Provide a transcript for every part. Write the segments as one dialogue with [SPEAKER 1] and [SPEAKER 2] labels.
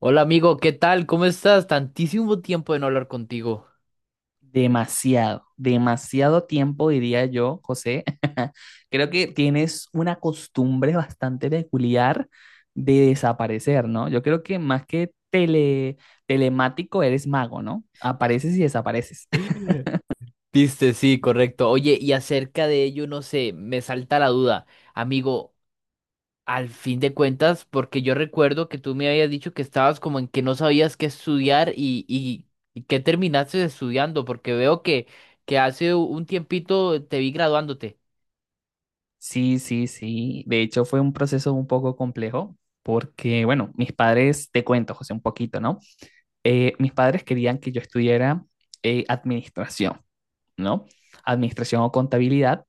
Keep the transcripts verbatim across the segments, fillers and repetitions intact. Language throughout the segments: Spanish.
[SPEAKER 1] Hola amigo, ¿qué tal? ¿Cómo estás? Tantísimo tiempo de no hablar contigo.
[SPEAKER 2] Demasiado, demasiado tiempo, diría yo, José. Creo que tienes una costumbre bastante peculiar de desaparecer, ¿no? Yo creo que más que tele, telemático eres mago, ¿no? Apareces y desapareces.
[SPEAKER 1] Viste, sí, correcto. Oye, y acerca de ello, no sé, me salta la duda. Amigo, al fin de cuentas, porque yo recuerdo que tú me habías dicho que estabas como en que no sabías qué estudiar y, y, y qué terminaste estudiando, porque veo que, que hace un tiempito te vi graduándote.
[SPEAKER 2] Sí, sí, sí. De hecho, fue un proceso un poco complejo porque, bueno, mis padres, te cuento, José, un poquito, ¿no? Eh, mis padres querían que yo estudiara eh, administración, ¿no? Administración o contabilidad.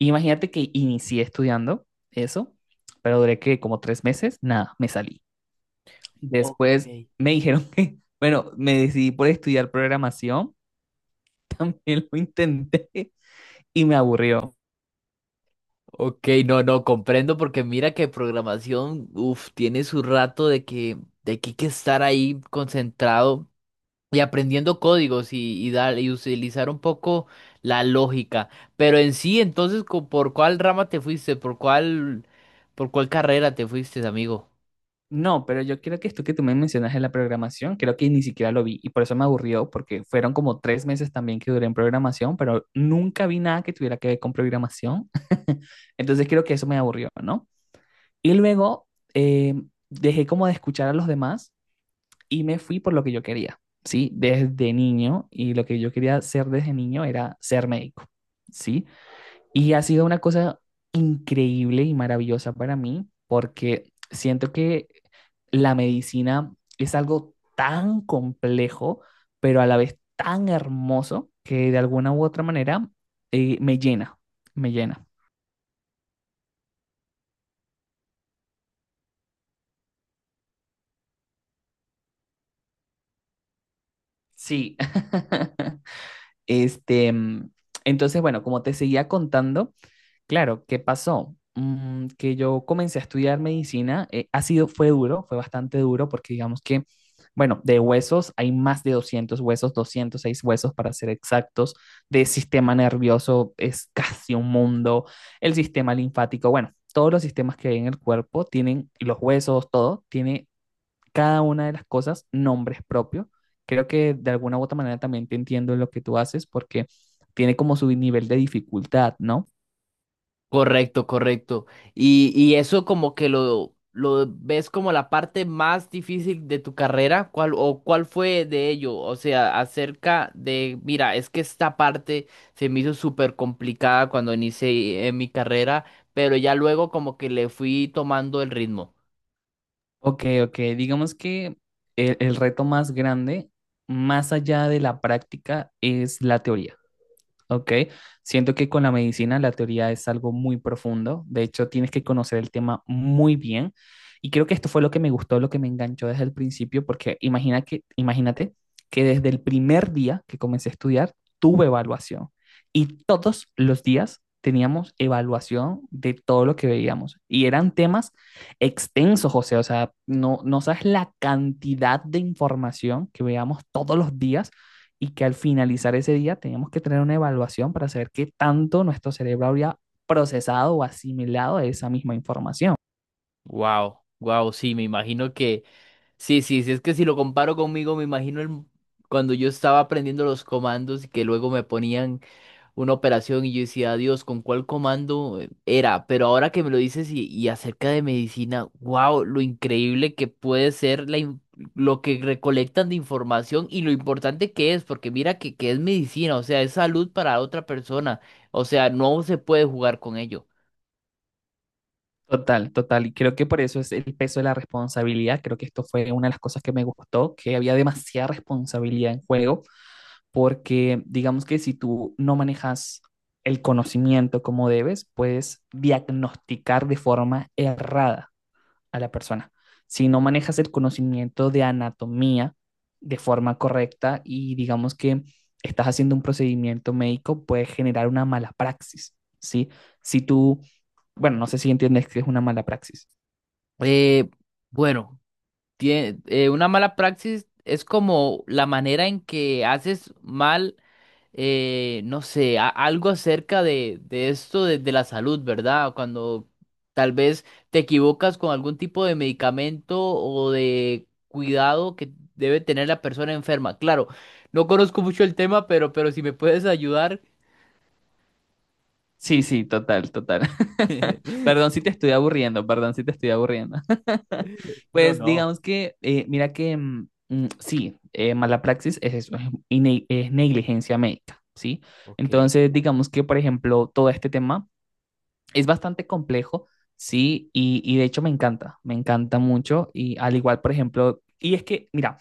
[SPEAKER 2] Imagínate que inicié estudiando eso, pero duré que como tres meses, nada, me salí.
[SPEAKER 1] Ok.
[SPEAKER 2] Después me dijeron que, bueno, me decidí por estudiar programación, también lo intenté y me aburrió.
[SPEAKER 1] Ok, no, no, comprendo porque mira que programación, uff, tiene su rato de que, de que hay que estar ahí concentrado y aprendiendo códigos y, y dar y utilizar un poco la lógica. Pero en sí, entonces, co- ¿por cuál rama te fuiste? ¿Por cuál, por cuál carrera te fuiste, amigo?
[SPEAKER 2] No, pero yo creo que esto que tú me mencionas en la programación, creo que ni siquiera lo vi y por eso me aburrió, porque fueron como tres meses también que duré en programación, pero nunca vi nada que tuviera que ver con programación. Entonces creo que eso me aburrió, ¿no? Y luego eh, dejé como de escuchar a los demás y me fui por lo que yo quería, ¿sí? Desde niño, y lo que yo quería ser desde niño era ser médico, ¿sí? Y ha sido una cosa increíble y maravillosa para mí, porque siento que la medicina es algo tan complejo, pero a la vez tan hermoso, que de alguna u otra manera eh, me llena, me llena. Sí. Este, mm, entonces, bueno, como te seguía contando. Claro, ¿qué pasó? Mm, que yo comencé a estudiar medicina, eh, ha sido, fue duro, fue bastante duro porque digamos que, bueno, de huesos hay más de doscientos huesos, doscientos seis huesos para ser exactos, de sistema nervioso es casi un mundo, el sistema linfático, bueno, todos los sistemas que hay en el cuerpo tienen, y los huesos, todo, tiene cada una de las cosas nombres propios. Creo que de alguna u otra manera también te entiendo en lo que tú haces porque tiene como su nivel de dificultad, ¿no?
[SPEAKER 1] Correcto, correcto. Y, y eso como que lo, lo ves como la parte más difícil de tu carrera, ¿cuál, o cuál fue de ello? O sea, acerca de, mira, es que esta parte se me hizo súper complicada cuando inicié eh, mi carrera, pero ya luego como que le fui tomando el ritmo.
[SPEAKER 2] Ok, ok. Digamos que el, el reto más grande, más allá de la práctica, es la teoría. Ok, siento que con la medicina la teoría es algo muy profundo, de hecho tienes que conocer el tema muy bien y creo que esto fue lo que me gustó, lo que me enganchó desde el principio, porque imagina que, imagínate que desde el primer día que comencé a estudiar tuve evaluación y todos los días teníamos evaluación de todo lo que veíamos y eran temas extensos, José, o sea, no, no sabes la cantidad de información que veíamos todos los días y que al finalizar ese día teníamos que tener una evaluación para saber qué tanto nuestro cerebro habría procesado o asimilado esa misma información.
[SPEAKER 1] Wow, wow, sí, me imagino que, sí, sí, sí, es que si lo comparo conmigo, me imagino el- cuando yo estaba aprendiendo los comandos y que luego me ponían una operación y yo decía, Dios, ¿con cuál comando eh, era? Pero ahora que me lo dices y, y acerca de medicina, wow, lo increíble que puede ser la, in- lo que recolectan de información y lo importante que es, porque mira que, que es medicina, o sea, es salud para otra persona, o sea, no se puede jugar con ello.
[SPEAKER 2] Total, total. Y creo que por eso es el peso de la responsabilidad. Creo que esto fue una de las cosas que me gustó, que había demasiada responsabilidad en juego, porque digamos que si tú no manejas el conocimiento como debes, puedes diagnosticar de forma errada a la persona. Si no manejas el conocimiento de anatomía de forma correcta y digamos que estás haciendo un procedimiento médico, puede generar una mala praxis, ¿sí? Si tú, bueno, no sé si entiendes que es una mala praxis.
[SPEAKER 1] Eh, bueno. Tie- eh, una mala praxis es como la manera en que haces mal, eh, no sé, a- algo acerca de, de esto de, de la salud, ¿verdad? Cuando tal vez te equivocas con algún tipo de medicamento o de cuidado que debe tener la persona enferma. Claro, no conozco mucho el tema, pero, pero si me puedes ayudar.
[SPEAKER 2] Sí, sí, total, total. Perdón si te estoy aburriendo, perdón si te estoy aburriendo.
[SPEAKER 1] No,
[SPEAKER 2] Pues
[SPEAKER 1] no.
[SPEAKER 2] digamos que, eh, mira que, mm, mm, sí, eh, mala praxis es eso, es, ine- es negligencia médica, ¿sí?
[SPEAKER 1] Ok,
[SPEAKER 2] Entonces, digamos que, por ejemplo, todo este tema es bastante complejo, ¿sí? Y, y de hecho me encanta, me encanta mucho. Y al igual, por ejemplo, y es que, mira,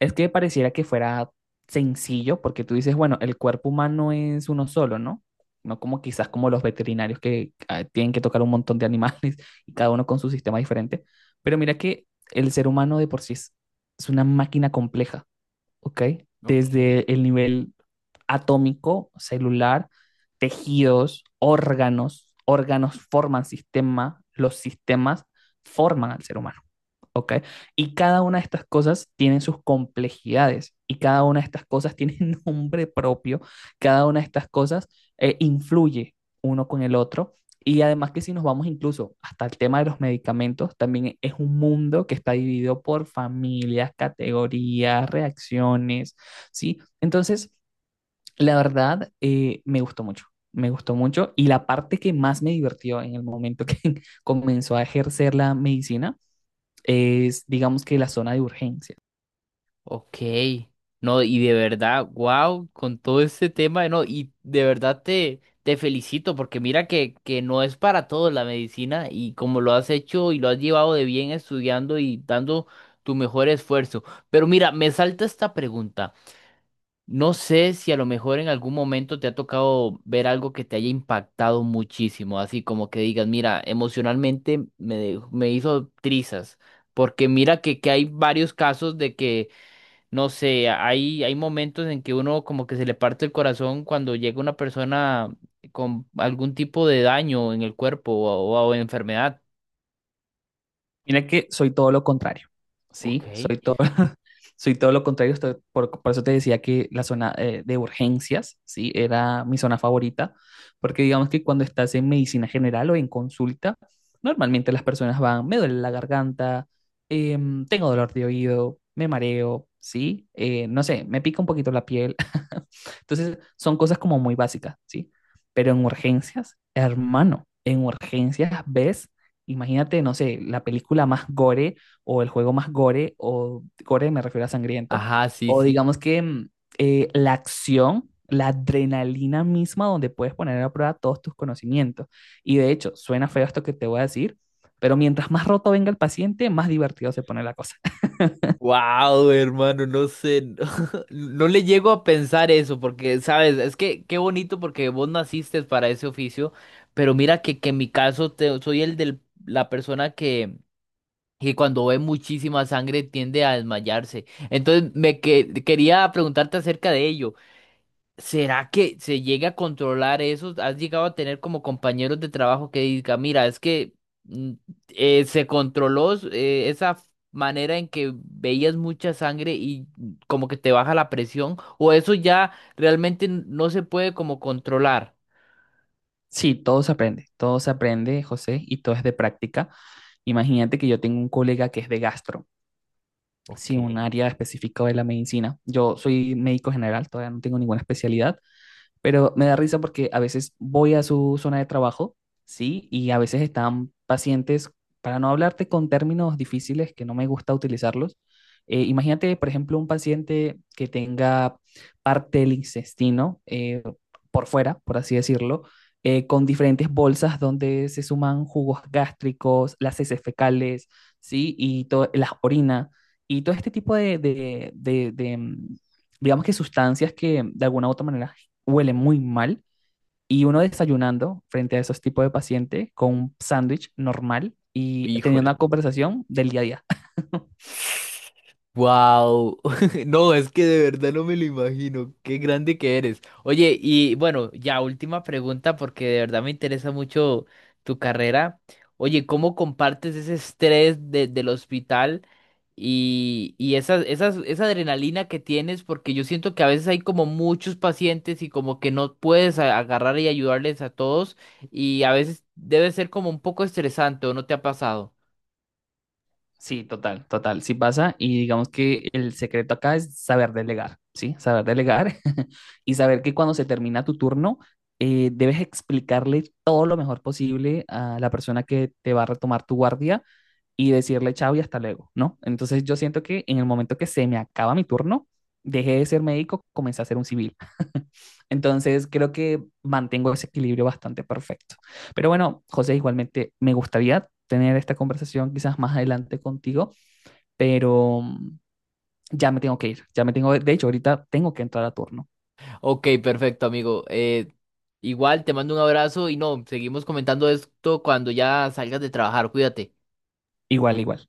[SPEAKER 2] es que pareciera que fuera sencillo, porque tú dices, bueno, el cuerpo humano es uno solo, ¿no? No como quizás como los veterinarios que ah, tienen que tocar un montón de animales y cada uno con su sistema diferente. Pero mira que el ser humano de por sí es, es una máquina compleja. ¿Ok?
[SPEAKER 1] ok.
[SPEAKER 2] Desde el nivel atómico, celular, tejidos, órganos, órganos forman sistema, los sistemas forman al ser humano, ¿ok? Y cada una de estas cosas tienen sus complejidades y cada una de estas cosas tiene nombre propio, cada una de estas cosas eh, influye uno con el otro y además que si nos vamos incluso hasta el tema de los medicamentos, también es un mundo que está dividido por familias, categorías, reacciones, ¿sí? Entonces, la verdad, eh, me gustó mucho, me gustó mucho. Y la parte que más me divirtió en el momento que comenzó a ejercer la medicina es, digamos que, la zona de urgencias.
[SPEAKER 1] Ok, no, y de verdad, wow, con todo este tema, no, y de verdad te, te felicito porque mira que, que no es para todos la medicina y como lo has hecho y lo has llevado de bien estudiando y dando tu mejor esfuerzo. Pero mira, me salta esta pregunta. No sé si a lo mejor en algún momento te ha tocado ver algo que te haya impactado muchísimo, así como que digas, mira, emocionalmente me, dejó- me hizo trizas, porque mira que, que hay varios casos de que no sé, hay, hay momentos en que uno como que se le parte el corazón cuando llega una persona con algún tipo de daño en el cuerpo o, o o enfermedad.
[SPEAKER 2] Mira que soy todo lo contrario,
[SPEAKER 1] Ok.
[SPEAKER 2] ¿sí? Soy todo, soy todo lo contrario, estoy- por, por eso te decía que la zona eh, de urgencias, ¿sí? Era mi zona favorita, porque digamos que cuando estás en medicina general o en consulta, normalmente las personas van, me duele la garganta, em, tengo dolor de oído, me mareo, ¿sí? Eh, no sé, me pica un poquito la piel. Entonces, son cosas como muy básicas, ¿sí? Pero en urgencias, hermano, en urgencias ves. Imagínate, no sé, la película más gore o el juego más gore, o gore me refiero a sangriento,
[SPEAKER 1] Ajá, sí,
[SPEAKER 2] o
[SPEAKER 1] sí.
[SPEAKER 2] digamos que mm, eh, la acción, la adrenalina misma donde puedes poner a prueba todos tus conocimientos. Y de hecho, suena feo esto que te voy a decir, pero mientras más roto venga el paciente, más divertido se pone la cosa.
[SPEAKER 1] Wow, hermano, no sé, no, no le llego a pensar eso porque, sabes, es que qué bonito porque vos naciste para ese oficio, pero mira que, que en mi caso te- soy el de la persona que, que cuando ve muchísima sangre tiende a desmayarse. Entonces, me que- quería preguntarte acerca de ello. ¿Será que se llega a controlar eso? ¿Has llegado a tener como compañeros de trabajo que diga, mira, es que mm, eh, se controló eh, esa f- manera en que veías mucha sangre y mm, como que te baja la presión? ¿O eso ya realmente n- no se puede como controlar?
[SPEAKER 2] Sí, todo se aprende, todo se aprende, José, y todo es de práctica. Imagínate que yo tengo un colega que es de gastro,
[SPEAKER 1] Ok,
[SPEAKER 2] sí, un área específica de la medicina. Yo soy médico general, todavía no tengo ninguna especialidad. Pero me da risa porque a veces voy a su zona de trabajo, ¿sí? Y a veces están pacientes, para no hablarte con términos difíciles que no me gusta utilizarlos. Eh, imagínate, por ejemplo, un paciente que tenga parte del intestino eh, por fuera, por así decirlo, eh, con diferentes bolsas donde se suman jugos gástricos, las heces fecales, ¿sí? Y to- las orina, y todo este tipo de, de, de- de, mm, digamos que sustancias que de alguna u otra manera huele muy mal y uno desayunando frente a esos tipos de pacientes con un sándwich normal y teniendo
[SPEAKER 1] híjole.
[SPEAKER 2] una conversación del día a día.
[SPEAKER 1] Wow, no, es que de verdad no me lo imagino, qué grande que eres. Oye, y bueno, ya última pregunta porque de verdad me interesa mucho tu carrera. Oye, ¿cómo compartes ese estrés de- del hospital y, y esas, esas, esa adrenalina que tienes? Porque yo siento que a veces hay como muchos pacientes y como que no puedes a- agarrar y ayudarles a todos y a veces debe ser como un poco estresante, ¿o no te ha pasado?
[SPEAKER 2] Sí, total, total, sí pasa. Y digamos que el secreto acá es saber delegar, ¿sí? Saber delegar. Y saber que cuando se termina tu turno, eh, debes explicarle todo lo mejor posible a la persona que te va a retomar tu guardia y decirle chao y hasta luego, ¿no? Entonces yo siento que en el momento que se me acaba mi turno, dejé de ser médico, comencé a ser un civil. Entonces creo que mantengo ese equilibrio bastante perfecto. Pero bueno, José, igualmente me gustaría tener esta conversación quizás más adelante contigo, pero mm, ya me tengo que ir, ya me tengo, de hecho, ahorita tengo que entrar a turno.
[SPEAKER 1] Ok, perfecto, amigo. Eh, igual te mando un abrazo y no, seguimos comentando esto cuando ya salgas de trabajar. Cuídate.
[SPEAKER 2] Igual, igual.